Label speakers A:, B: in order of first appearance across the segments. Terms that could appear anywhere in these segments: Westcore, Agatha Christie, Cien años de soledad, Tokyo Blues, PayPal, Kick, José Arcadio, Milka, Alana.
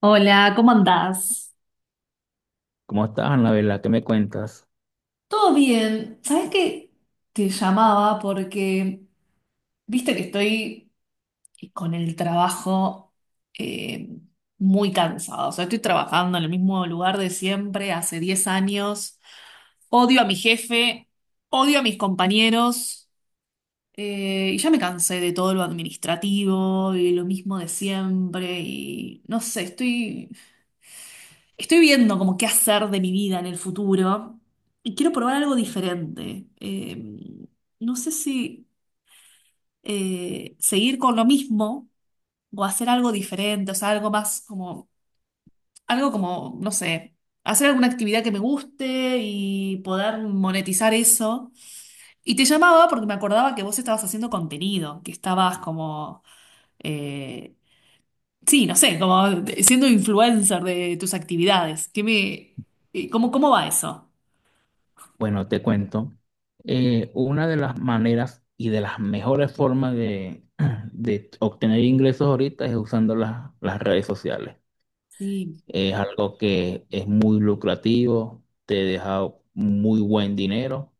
A: Hola, ¿cómo andás?
B: ¿Cómo estás, Anabela? ¿Qué me cuentas?
A: Todo bien. ¿Sabes que? Te llamaba porque viste que estoy con el trabajo, eh, muy cansado. O sea, estoy trabajando en el mismo lugar de siempre hace 10 años. Odio a mi jefe, odio a mis compañeros, y ya me cansé de todo lo administrativo y lo mismo de siempre. Y no sé, estoy. Estoy viendo como qué hacer de mi vida en el futuro y quiero probar algo diferente. No sé si seguir con lo mismo o hacer algo diferente, o sea, algo más como, algo como, no sé, hacer alguna actividad que me guste y poder monetizar eso. Y te llamaba porque me acordaba que vos estabas haciendo contenido, que estabas como, eh, sí, no sé, como siendo influencer de tus actividades. ¿Qué me, cómo, cómo va eso?
B: Bueno, te cuento. Una de las maneras y de las mejores formas de obtener ingresos ahorita es usando las redes sociales.
A: Sí,
B: Es algo que es muy lucrativo, te deja muy buen dinero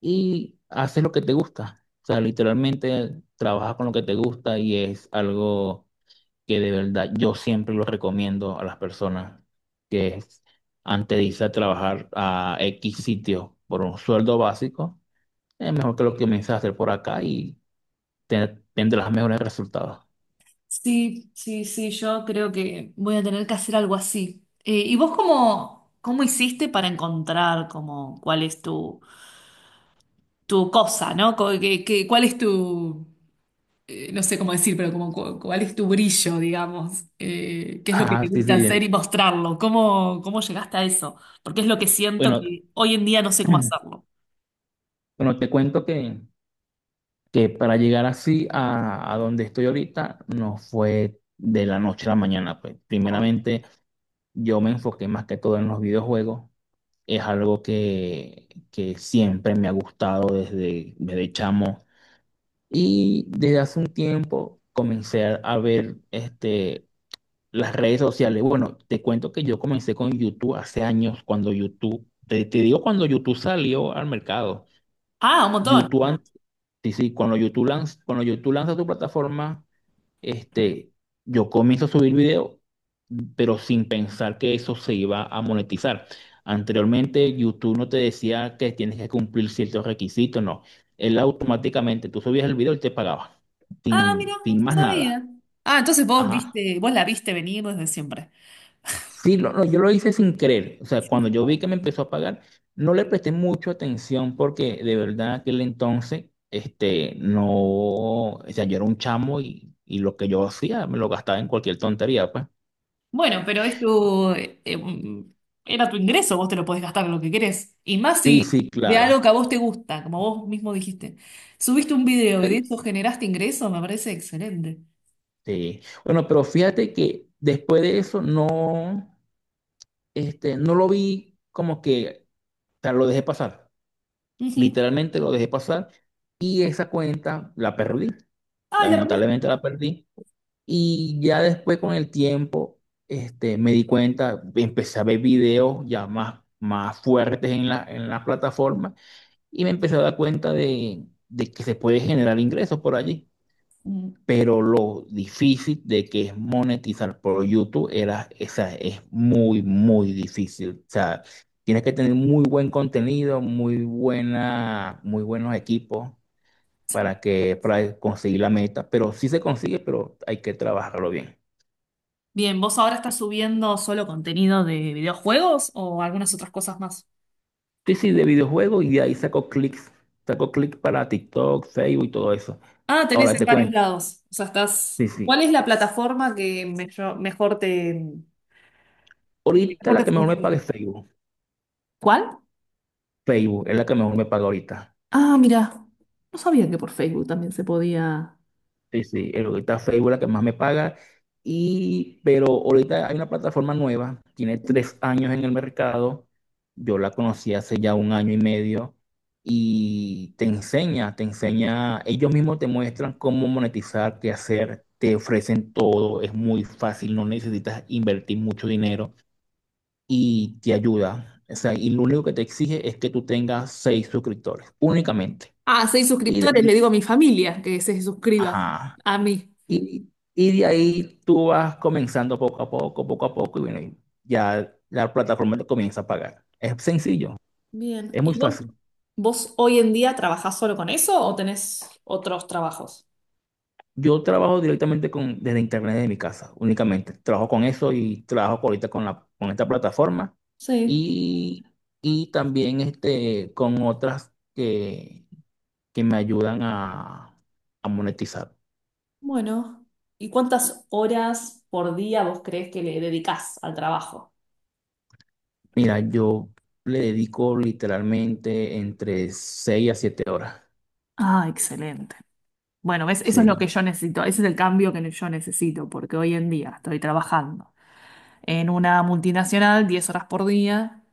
B: y haces lo que te gusta. O sea, literalmente trabajas con lo que te gusta y es algo que de verdad yo siempre lo recomiendo a las personas, que es, antes de irse a trabajar a X sitio por un sueldo básico, es mejor que lo que comiences a hacer por acá y te- tendrás mejores resultados.
A: sí, sí, sí, yo creo que voy a tener que hacer algo así. ¿Y vos cómo, cómo hiciste para encontrar como cuál es tu cosa, ¿no? Cuál es tu, no sé cómo decir, pero como cuál es tu brillo, digamos? ¿Qué es lo que
B: Ah,
A: te
B: sí,
A: gusta
B: sí. Bien.
A: hacer y mostrarlo? ¿Cómo, cómo llegaste a eso? Porque es lo que siento
B: Bueno,
A: que hoy en día no sé cómo hacerlo.
B: bueno, te cuento que, para llegar así a donde estoy ahorita, no fue de la noche a la mañana, pues.
A: Hoy.
B: Primeramente, yo me enfoqué más que todo en los videojuegos. Es algo que siempre me ha gustado desde, chamo. Y desde hace un tiempo comencé a ver las redes sociales. Bueno, te cuento que yo comencé con YouTube hace años, cuando YouTube, te digo, cuando YouTube salió al mercado.
A: Ah, un montón.
B: YouTube, an- sí, sí, cuando YouTube lanza tu plataforma, este, yo comienzo a subir video, pero sin pensar que eso se iba a monetizar. Anteriormente, YouTube no te decía que tienes que cumplir ciertos requisitos, no. Él automáticamente, tú subías el video y te pagaba,
A: Ah, mira,
B: sin
A: no
B: más nada.
A: sabía. Ah, entonces vos
B: Ajá.
A: viste, vos la viste venir desde siempre.
B: Sí, no, yo lo hice sin querer. O sea, cuando yo vi que me empezó a pagar, no le presté mucha atención, porque de verdad aquel entonces, no, o sea, yo era un chamo, y lo que yo hacía me lo gastaba en cualquier tontería, pues.
A: Bueno, pero es tu, era tu ingreso, vos te lo podés gastar en lo que querés. Y más
B: Sí,
A: si
B: sí,
A: de
B: claro.
A: algo que a vos te gusta, como vos mismo dijiste. Subiste un video y de
B: Eh,
A: eso generaste ingreso, me parece excelente.
B: Sí. Bueno, pero fíjate que después de eso no, no lo vi como que, o sea, lo dejé pasar.
A: Ujú.
B: Literalmente lo dejé pasar y esa cuenta la perdí.
A: Ay, la perdí.
B: Lamentablemente la perdí. Y ya después, con el tiempo, me di cuenta, empecé a ver videos ya más fuertes en la, plataforma, y me empecé a dar cuenta de que se puede generar ingresos por allí.
A: Mm,
B: Pero lo difícil de que es monetizar por YouTube, era, esa es muy, muy difícil. O sea, tienes que tener muy buen contenido, muy buena, muy buenos equipos
A: sí.
B: para que, para conseguir la meta, pero sí se consigue, pero hay que trabajarlo bien.
A: Bien, ¿vos ahora estás subiendo solo contenido de videojuegos o algunas otras cosas más?
B: Sí, sí, de videojuegos, y de ahí saco clics para TikTok, Facebook y todo eso.
A: Ah, tenés
B: Ahora
A: en
B: te
A: varios
B: cuento,
A: lados. O sea, estás.
B: sí, sí.
A: ¿Cuál es la plataforma que mejor, mejor
B: Ahorita la
A: te
B: que mejor me paga es
A: funciona?
B: Facebook.
A: ¿Cuál?
B: Facebook es la que mejor me paga ahorita.
A: Ah, mira, no sabía que por Facebook también se podía.
B: Sí, sí, ahorita Facebook es la que más me paga. Pero ahorita hay una plataforma nueva, tiene 3 años en el mercado. Yo la conocí hace ya un año y medio, y te enseña, ellos mismos te muestran cómo monetizar, qué hacer, te ofrecen todo, es muy fácil, no necesitas invertir mucho dinero y te ayuda. O sea, y lo único que te exige es que tú tengas seis suscriptores, únicamente.
A: Ah, seis
B: Y de
A: suscriptores, le
B: ahí,
A: digo a mi familia que se suscriba
B: ajá.
A: a mí.
B: Y, y de ahí tú vas comenzando poco a poco, y bueno, y ya la plataforma te comienza a pagar. Es sencillo,
A: Bien.
B: es muy
A: ¿Y vos,
B: fácil.
A: vos hoy en día trabajás solo con eso o tenés otros trabajos?
B: Yo trabajo directamente con, desde internet de mi casa, únicamente. Trabajo con eso y trabajo ahorita con la, con esta plataforma,
A: Sí,
B: y, y también, con otras que me ayudan a monetizar.
A: bueno. ¿Y cuántas horas por día vos crees que le dedicás al trabajo?
B: Mira, yo le dedico literalmente entre 6 a 7 horas.
A: Ah, excelente. Bueno, ¿ves? Eso es lo
B: Sí.
A: que yo necesito, ese es el cambio que yo necesito, porque hoy en día estoy trabajando en una multinacional 10 horas por día.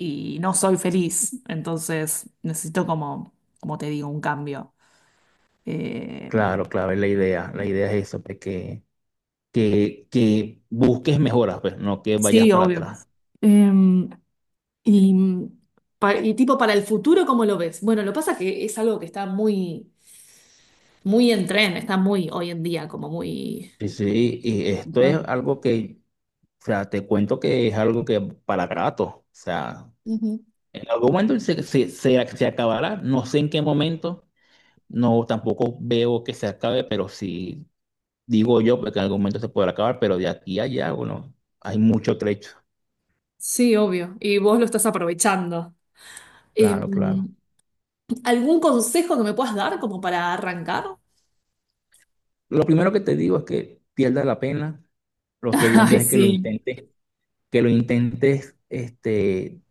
A: Y no soy feliz. Entonces necesito como, como te digo, un cambio. Eh,
B: Claro, claro, es la idea. La idea es eso, pues, que busques mejoras, pues, no que vayas
A: sí,
B: para
A: obvio.
B: atrás.
A: Eh, y, y tipo para el futuro, ¿cómo lo ves? Bueno, lo pasa que es algo que está muy, muy en tren, está muy hoy en día, como muy
B: Sí, sí, y esto es
A: importante.
B: algo que, o sea, te cuento que es algo que para rato, o sea,
A: Ujú.
B: en algún momento se acabará, no sé en qué momento, no, tampoco veo que se acabe, pero sí digo yo, pues, que en algún momento se podrá acabar, pero de aquí a allá, bueno, hay mucho trecho.
A: Sí, obvio. Y vos lo estás aprovechando. Eh,
B: Claro, claro.
A: ¿Algún consejo que me puedas dar como para arrancar?
B: Lo primero que te digo es que pierdas la pena, lo segundo
A: Ay,
B: es que lo
A: sí.
B: intentes. Que lo intentes,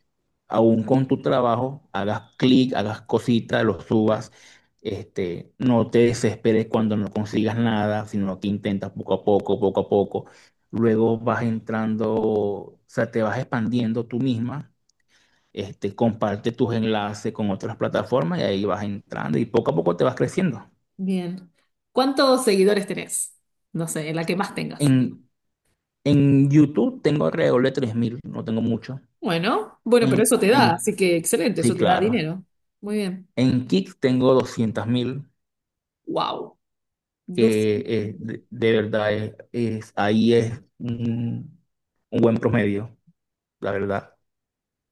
B: aún con tu trabajo, hagas clic, hagas cositas, lo subas, no te desesperes cuando no consigas nada, sino que intentas poco a poco, poco a poco. Luego vas entrando, o sea, te vas expandiendo tú misma. Comparte tus enlaces con otras plataformas, y ahí vas entrando y poco a poco te vas creciendo.
A: Bien. ¿Cuántos seguidores tenés? No sé, la que más tengas.
B: En, en YouTube tengo alrededor de 3.000, no tengo mucho.
A: Bueno, bueno, pero
B: En,
A: eso te da,
B: en,
A: así que excelente,
B: sí,
A: eso te da
B: claro.
A: dinero. Muy bien.
B: En Kick tengo 200.000,
A: Wow. Dos.
B: que de verdad es, ahí es un buen promedio, la verdad.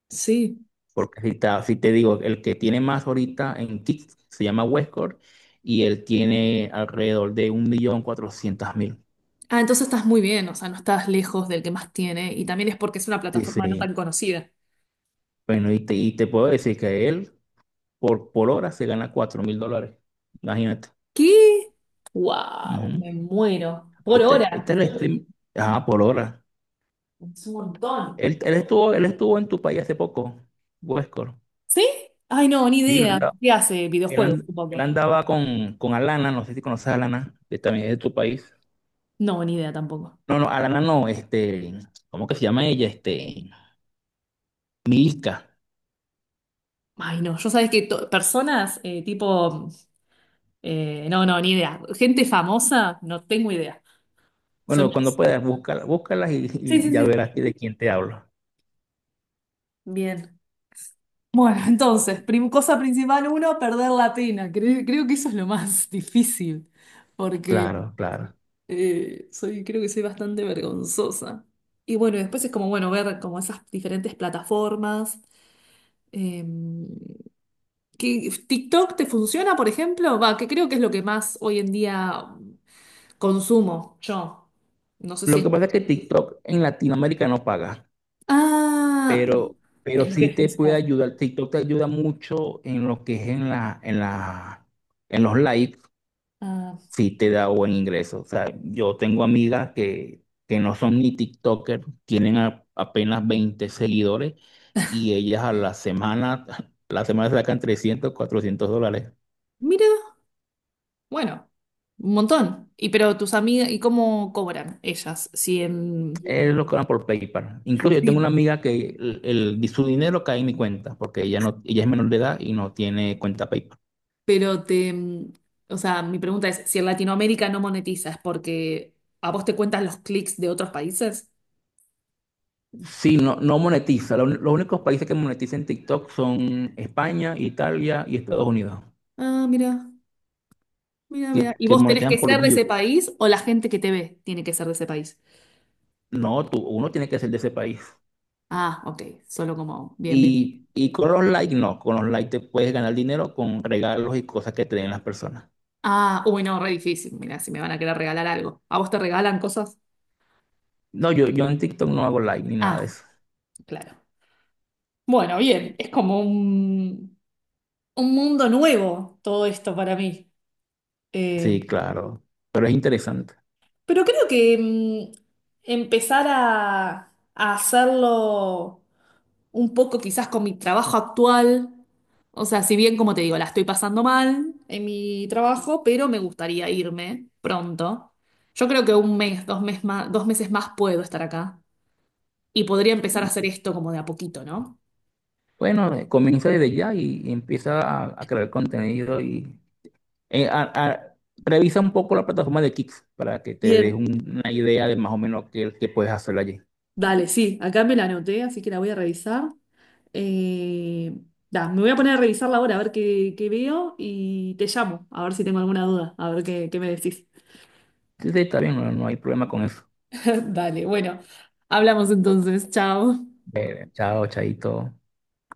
A: Sí.
B: Porque si te digo, el que tiene más ahorita en Kick se llama Westcore, y él tiene alrededor de 1.400.000.
A: Ah, entonces estás muy bien, o sea, no estás lejos del que más tiene y también es porque es una
B: Sí,
A: plataforma no
B: sí.
A: tan conocida.
B: Bueno, y te puedo decir que él por hora se gana 4.000 dólares. Imagínate.
A: ¿Qué? Wow,
B: Ujú.
A: me muero. Por
B: Ahorita,
A: hora.
B: ahorita el stream, ajá, por hora.
A: Es un montón.
B: Él estuvo en tu país hace poco, Westcore.
A: ¿Sí? Ay, no, ni
B: Sí,
A: idea. ¿Qué hace? Videojuegos,
B: él
A: supongo.
B: andaba con Alana, no sé si conoces a Alana, que también es de tu país.
A: No, ni idea tampoco.
B: No, no, Alana no, ¿cómo que se llama ella? Milka.
A: Ay, no, yo sabes que personas tipo. No, no, ni idea. Gente famosa, no tengo idea. Soy
B: Bueno, cuando
A: menos-
B: puedas, búscala, búscalas, y,
A: Sí,
B: y
A: sí,
B: ya
A: sí.
B: verás de quién te hablo.
A: Bien. Bueno, entonces, cosa principal uno, perder la pena. Creo que eso es lo más difícil, porque
B: Claro, claro.
A: soy, creo que soy bastante vergonzosa. Y bueno, después es como, bueno, ver como esas diferentes plataformas. em, ¿Qué- ¿TikTok te funciona, por ejemplo? Va, que creo que es lo que más hoy en día consumo yo. No sé si
B: Lo
A: es.
B: que pasa es que TikTok en Latinoamérica no paga,
A: Ah,
B: pero, pero
A: es lo que
B: sí te puede
A: necesitaba.
B: ayudar. TikTok te ayuda mucho en lo que es en la, en los likes.
A: Ah,
B: Sí te da buen ingreso. O sea, yo tengo amigas que no son ni TikToker, tienen apenas 20 seguidores, y ellas a la semana, la semana sacan 300, 400 dólares.
A: mira, bueno, un montón. Y pero tus amigas, ¿y cómo cobran ellas? Si en,
B: Es lo que van por PayPal. Incluso yo tengo
A: sí.
B: una amiga que su dinero cae en mi cuenta, porque ella, no, ella es menor de edad y no tiene cuenta PayPal.
A: Pero te, o sea, mi pregunta es, si en Latinoamérica no monetizas, porque a vos te cuentan los clics de otros países.
B: Sí, no, no monetiza. Los únicos países que monetizan TikTok son España, Italia y Estados Unidos,
A: Ah, mira, mira,
B: que,
A: mira. ¿Y
B: que
A: vos tenés que
B: monetizan por
A: ser de
B: view.
A: ese país o la gente que te ve tiene que ser de ese país?
B: No, tú, uno tiene que ser de ese país.
A: Ah, ok, solo como, bien, bien.
B: Y con los likes, no, con los likes te puedes ganar dinero con regalos y cosas que te den las personas.
A: Ah, uy, no, re difícil. Mira, si me van a querer regalar algo. ¿A vos te regalan cosas?
B: No, yo en TikTok no hago like ni nada de
A: Ah.
B: eso.
A: Claro. Bueno, bien, es como un mundo nuevo todo esto para mí. Eh,
B: Sí, claro, pero es interesante.
A: pero creo que empezar a hacerlo un poco quizás con mi trabajo actual, o sea, si bien como te digo, la estoy pasando mal en mi trabajo, pero me gustaría irme pronto. Yo creo que un mes, 2 mes más, 2 meses más puedo estar acá y podría empezar a hacer
B: Mm.
A: esto como de a poquito, ¿no?
B: Bueno, comienza desde ya, y empieza a crear contenido y eh, a- a- revisa un poco la plataforma de Kicks para que te des
A: Bien,
B: una idea de más o menos qué, puedes hacer allí.
A: dale, sí, acá me la anoté, así que la voy a revisar. Eh, da, me voy a poner a revisarla ahora a ver qué, qué veo y te llamo, a ver si tengo alguna duda, a ver qué, qué me decís.
B: Sí, sí, está bien, no, no hay problema con eso.
A: Dale, bueno, hablamos entonces, chao.
B: Chao, chaito.